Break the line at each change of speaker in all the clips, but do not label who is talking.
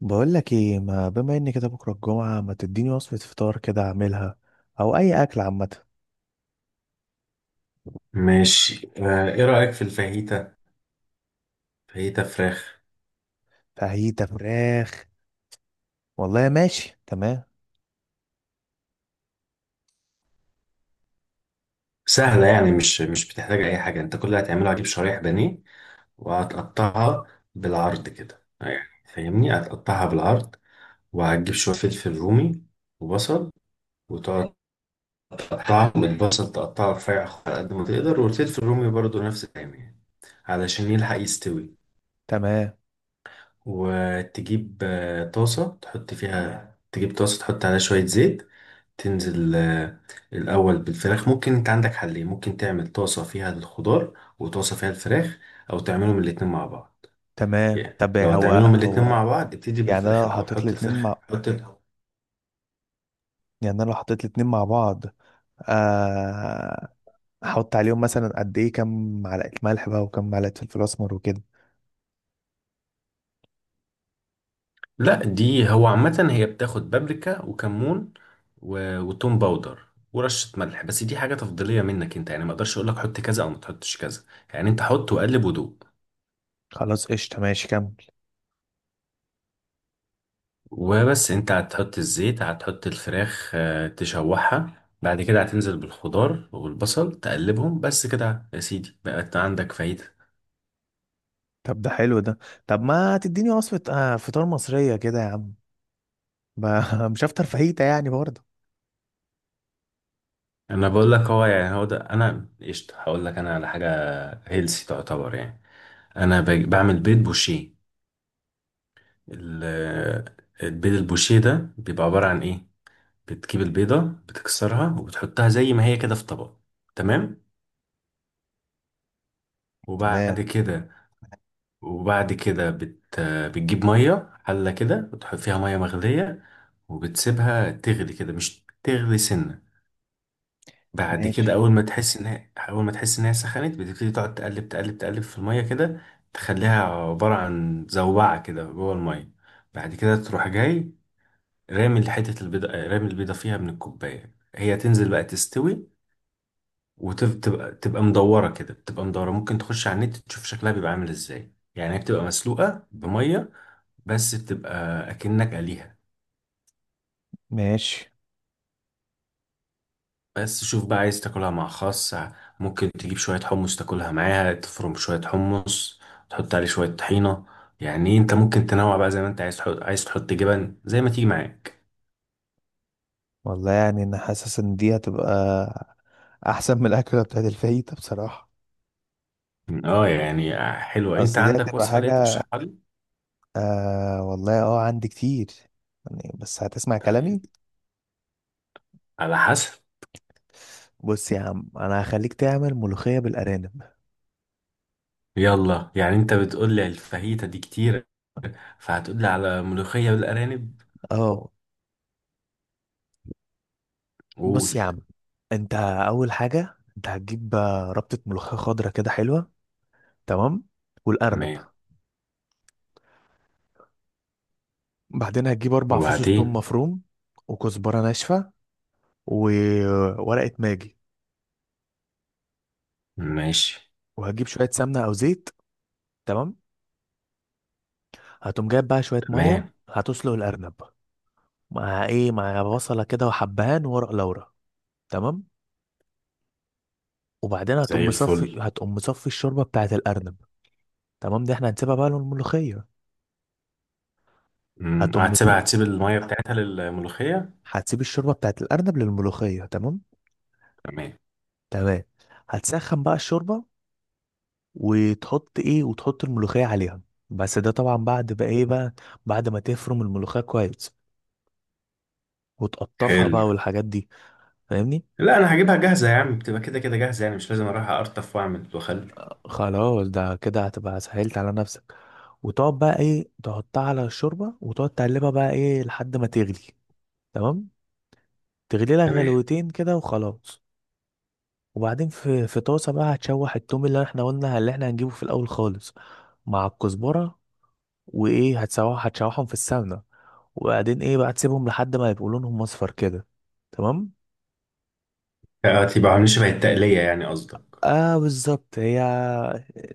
بقول لك ايه، ما بما ان كده بكره الجمعه ما تديني وصفه فطار كده اعملها او اي اكل عامه.
ماشي آه، ايه رأيك في الفاهيتا؟ فاهيتا فراخ.
فاهيتا فراخ. والله ماشي، تمام.
سهلة يعني مش بتحتاج اي حاجة. انت كل اللي هتعمله هتجيب شرايح بانيه وهتقطعها بالعرض كده، يعني فاهمني، هتقطعها بالعرض. وهتجيب شوية فلفل رومي وبصل، وتقعد تقطعهم. البصل تقطعه رفيع على قد ما تقدر، والفلفل الرومي برضو نفس الكلام، يعني علشان يلحق يستوي.
تمام،
وتجيب طاسة تحط فيها، تجيب طاسة تحط عليها شوية زيت، تنزل الأول بالفراخ. ممكن أنت عندك حلين، ممكن تعمل طاسة فيها الخضار وطاسة فيها الفراخ، أو تعملهم الاتنين مع بعض.
تمام.
يعني
طب
لو
هو
هتعملهم الاتنين
هو
مع بعض، ابتدي
يعني انا
بالفراخ
لو
الأول،
حطيت
حط
الاتنين
الفراخ،
مع يعني انا لو حطيت الاتنين مع بعض. آه، احط عليهم مثلا قد ايه، كام معلقه ملح بقى وكام معلقه فلفل اسمر وكده.
لا، دي هو عامة هي بتاخد بابريكا وكمون وتوم باودر ورشة ملح، بس دي حاجة تفضيلية منك انت، يعني ما اقدرش اقول لك حط كذا او ما تحطش كذا. يعني انت حط وقلب ودوق
خلاص قشطه، ماشي كمل.
وبس. انت هتحط الزيت، هتحط الفراخ تشوحها، بعد كده هتنزل بالخضار والبصل، تقلبهم بس كده يا سيدي، بقت عندك فايدة.
طب ده حلو ده. طب ما تديني وصفه فطار مصريه كده يا عم. مش هفطر فاهيتا يعني برضه.
انا بقول لك هو، يعني هو ده. انا قشطة هقول لك انا على حاجة هيلسي تعتبر يعني. انا بعمل بيض بوشيه. ال- البيض البوشيه ده بيبقى عبارة عن ايه؟ بتجيب البيضة، بتكسرها وبتحطها زي ما هي كده في طبق، تمام. وبعد
تمام.
كده بتجيب مية، حلة كده وتحط فيها مية مغلية، وبتسيبها تغلي كده، مش تغلي سنة. بعد كده
ماشي،
أول ما تحس إن هي سخنت، بتبتدي تقعد تقلب تقلب تقلب في المية كده، تخليها عبارة عن زوبعة كده جوه المية. بعد كده تروح جاي رامي حتة البيضة، رامي البيضة فيها من الكوباية، هي تنزل بقى تستوي وتبقى مدورة كده، بتبقى مدورة. ممكن تخش على النت تشوف شكلها بيبقى عامل إزاي، يعني هي بتبقى مسلوقة بمية، بس بتبقى اكنك قليها.
ماشي.
بس شوف بقى، عايز تاكلها مع خس، ممكن تجيب شوية حمص تاكلها معاها، تفرم شوية حمص، تحط عليه شوية طحينة. يعني انت ممكن تنوع بقى زي ما انت عايز تحط جبن، زي ما تيجي معاك.
والله يعني انا حاسس ان دي هتبقى احسن من الاكله بتاعت الفاهيتا بصراحه.
اه يعني حلوة. انت
اصل دي
عندك
هتبقى
وصفة ليا
حاجه.
ترشحها لي؟
آه والله اه، عندي كتير يعني، بس هتسمع
طيب،
كلامي.
على حسب.
بص يا عم، انا هخليك تعمل ملوخيه بالارانب.
يلا، يعني انت بتقول لي الفاهيتا دي كتير، فهتقول لي على ملوخية بالارانب.
اه.
قول.
بص يا عم، انت اول حاجه انت هتجيب ربطه ملوخيه خضراء كده حلوه. تمام. والارنب.
تمام.
بعدين هتجيب اربع فصوص ثوم
وبعدين.
مفروم وكزبره ناشفه وورقه ماجي.
ماشي.
وهتجيب شويه سمنه او زيت. تمام. هتقوم جايب بقى شويه ميه
تمام.
هتسلق الارنب. مع ايه؟ مع بصله كده وحبهان وورق لورا. تمام. وبعدين هتقوم
زي
مصفي
الفل.
هتقوم مصفي الشوربه بتاعه الارنب. تمام، دي احنا هنسيبها بقى للملوخيه. هتقوم
هتسيبها
مت-
هتسيب الميه بتاعتها للملوخيه.
هتسيب الشوربه بتاعه الارنب للملوخيه. تمام.
تمام.
تمام. هتسخن بقى الشوربه وتحط ايه، وتحط الملوخيه عليها. بس ده طبعا بعد بقى ايه بقى، بعد ما تفرم الملوخيه كويس وتقطفها
حلو.
بقى والحاجات دي، فاهمني؟
لا انا هجيبها جاهزه يا عم، بتبقى كده كده جاهزه، يعني مش لازم اروح ارطف واعمل واخلي.
خلاص، ده كده هتبقى سهلت على نفسك. وتقعد بقى ايه تحطها على الشوربة، وتقعد تقلبها بقى ايه لحد ما تغلي. تمام. تغلي لها
تمام.
غلوتين كده وخلاص. وبعدين في طاسة بقى هتشوح التوم اللي احنا قلنا اللي احنا هنجيبه في الاول خالص، مع الكزبرة. وايه، هتسوح هتشوحهم في السمنة. وبعدين ايه بقى، تسيبهم لحد ما يبقوا لونهم اصفر كده. تمام.
آه، تبقى عاملين شبه التقليه يعني قصدك.
اه بالظبط، هي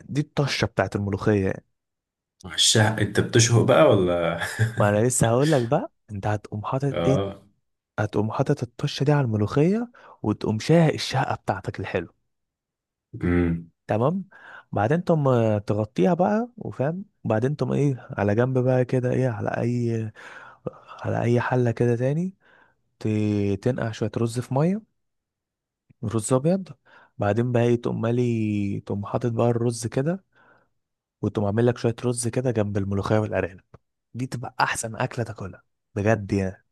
دي الطشة بتاعت الملوخية يعني.
وشها انت بتشهق بقى ولا؟
ما انا لسه هقول لك بقى، انت هتقوم حاطط ايه،
اه.
هتقوم حاطط الطشة دي على الملوخية. وتقوم شاهق الشهقة بتاعتك الحلو.
امم
تمام. بعدين تقوم تغطيها بقى وفاهم، وبعدين تقوم ايه على جنب بقى كده ايه، على اي، على اي حلة كده تاني تنقع شوية رز في مية، رز ابيض. بعدين بقى ايه، تقوم مالي تقوم حاطط بقى الرز كده، وتقوم عامل لك شوية رز كده جنب الملوخية والارانب. دي تبقى احسن اكلة تاكلها بجد يعني.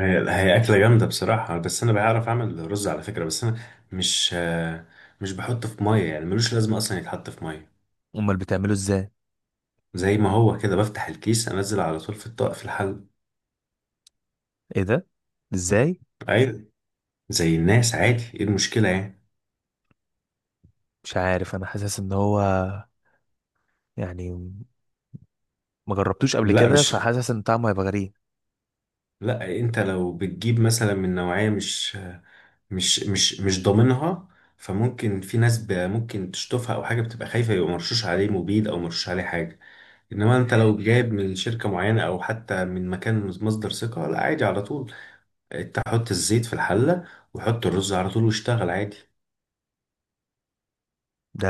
هي هي اكله جامده بصراحه، بس انا بعرف اعمل رز على فكره. بس انا مش آه، مش بحطه في ميه، يعني ملوش لازمه اصلا يتحط في ميه.
امال بتعمله ازاي؟
زي ما هو كده، بفتح الكيس انزل على طول في الطاق في الحل.
ايه ده؟ ازاي؟
ايوه، زي الناس عادي، ايه المشكله يعني؟
مش عارف، انا حاسس ان هو يعني ما جربتوش قبل
لا
كده،
مش
فحاسس ان طعمه هيبقى غريب.
لا، انت لو بتجيب مثلا من نوعية مش ضامنها، فممكن في ناس ممكن تشطفها او حاجة، بتبقى خايفة يبقى مرشوش عليه مبيد او مرشوش عليه حاجة. انما انت لو جايب من شركة معينة او حتى من مكان مصدر ثقة، لا عادي على طول. انت حط الزيت في الحلة، وحط الرز على طول، واشتغل عادي.
ده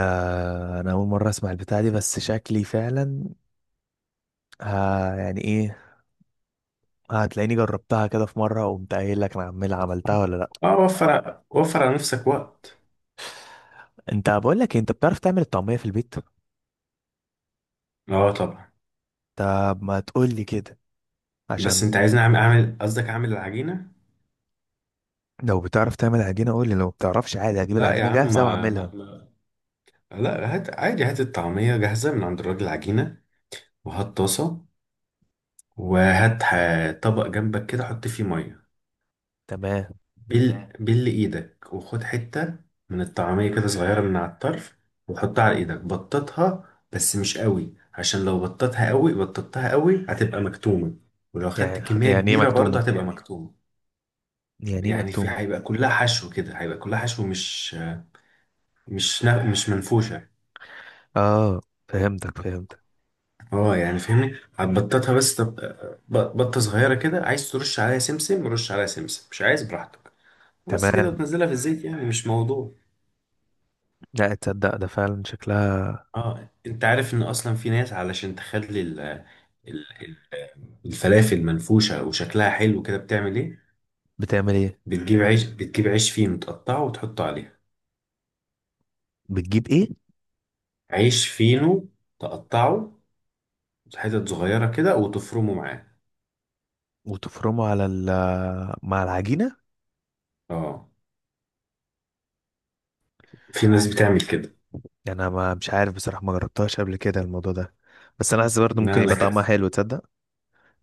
انا اول مره اسمع البتاع دي، بس شكلي فعلا ها يعني ايه، هتلاقيني جربتها كده في مره وقمت قايل لك انا عمال عملتها ولا لا.
اه، وفر وفر على نفسك وقت.
انت بقول لك إيه، انت بتعرف تعمل الطعميه في البيت؟
اه طبعا.
طب ما تقول لي كده،
بس
عشان
انت عايزني اعمل قصدك اعمل العجينة؟
لو بتعرف تعمل عجينه قول لي، لو ما بتعرفش عادي هجيب
لا يا
العجينه
عم
جاهزه
ما ما,
واعملها.
لا، هات عادي، هات الطعمية جاهزة من عند الراجل عجينة، وهات طاسة، طبق جنبك كده حط فيه مية.
تمام.
بل مم. بل ايدك وخد حتة من الطعمية كده صغيرة من على الطرف، وحطها على ايدك، بططها بس مش قوي، عشان لو بططها قوي بططتها قوي هتبقى مكتومة، ولو خدت
يعني
كمية
يعني ايه
كبيرة برضه
مكتومه
هتبقى مكتومة.
يعني ايه
يعني في
مكتومه
هيبقى كلها حشو كده، هيبقى كلها حشو، مش منفوشة.
اه، فهمتك.
اه يعني فهمني، هتبططها بس بطة صغيرة كده، عايز ترش عليها سمسم، رش عليها سمسم مش عايز براحتك، وبس كده،
تمام.
وتنزلها في الزيت يعني، مش موضوع.
لا تصدق، ده فعلا شكلها.
اه، انت عارف ان اصلا في ناس علشان تخلي ال- الفلافل منفوشة وشكلها حلو كده بتعمل ايه؟
بتعمل ايه؟
بتجيب عيش فينو تقطعه وتحطه عليها.
بتجيب ايه؟
عيش فينو تقطعه حتت صغيرة كده وتفرمه معاه.
وتفرمه على ال، مع العجينة.
اه، في ناس بتعمل كده.
يعني انا ما مش عارف بصراحة، ما جربتهاش قبل كده الموضوع ده، بس انا حاسس برضه
ما
ممكن
انا
يبقى
ك...
طعمها حلو، تصدق؟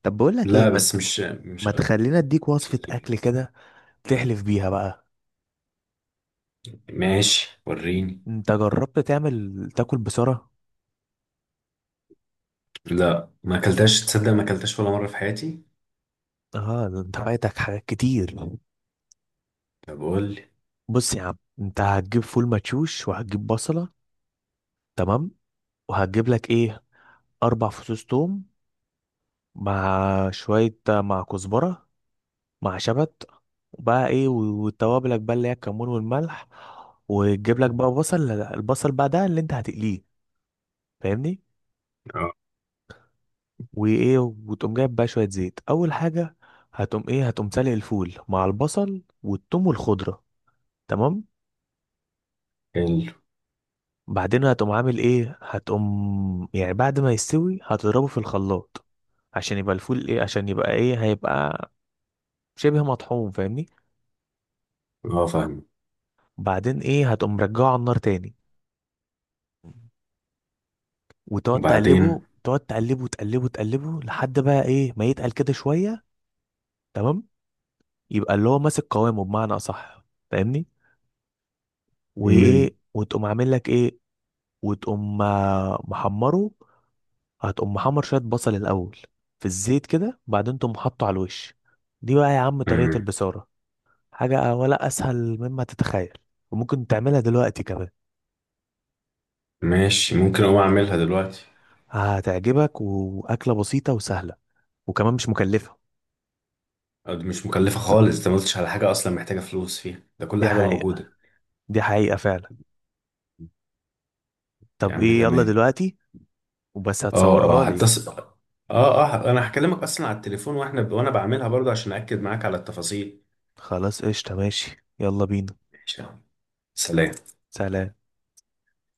طب بقول لك ايه
لا، بس مش مش
ما تخلينا اديك
مش
وصفة
لطيف.
اكل كده تحلف بيها بقى.
ماشي وريني.
انت جربت تعمل تاكل بسرعة؟
لا ما اكلتهاش تصدق، ما اكلتهاش ولا مرة في حياتي.
اه، ده انت فايتك حاجات كتير.
طب قول لي.
بص يا عم، انت هتجيب فول مدشوش، وهتجيب بصلة. تمام. وهتجيب لك ايه، اربع فصوص توم، مع شوية مع كزبرة، مع شبت، وبقى ايه وتوابلك بقى اللي هي الكمون والملح. وتجيب لك بقى بصل، البصل بقى ده اللي انت هتقليه، فاهمني؟
اه.
وايه، وتقوم جايب بقى شوية زيت اول حاجة. هتقوم ايه، هتقوم سالق الفول مع البصل والثوم والخضرة. تمام.
حلو.
بعدين هتقوم عامل ايه، هتقوم يعني بعد ما يستوي هتضربه في الخلاط، عشان يبقى الفول ايه، عشان يبقى ايه، هيبقى شبه مطحون، فاهمني؟
اه فاهم.
بعدين ايه، هتقوم رجعه على النار تاني وتقعد
وبعدين.
تقلبه، تقعد تقلبه تقلبه تقلبه لحد بقى ايه ما يتقل كده شويه. تمام. يبقى اللي هو ماسك قوامه بمعنى اصح، فاهمني؟
مم.
وايه، وتقوم عامل لك ايه، وتقوم محمره، هتقوم محمر شويه بصل الاول في الزيت كده، بعدين تقوم حاطه على الوش. دي بقى يا عم طريقه
مم.
البصاره، حاجه ولا اسهل مما تتخيل. وممكن تعملها دلوقتي كمان.
ماشي، ممكن اقوم اعملها دلوقتي.
هتعجبك، واكله بسيطه وسهله، وكمان مش مكلفه.
أه، دي مش مكلفة خالص، انت ما قلتش على حاجة اصلا محتاجة فلوس فيها، ده كل
دي
حاجة
حقيقه،
موجودة.
دي حقيقه فعلا.
يا
طب
عم
ايه، يلا
تمام.
دلوقتي. وبس
اه اه،
هتصورها لي.
هتصل. اه اه، انا هكلمك اصلا على التليفون وانا بعملها برضه عشان اكد معاك على التفاصيل.
خلاص قشطة، ماشي يلا بينا.
ماشي يا عم. سلام.
سلام.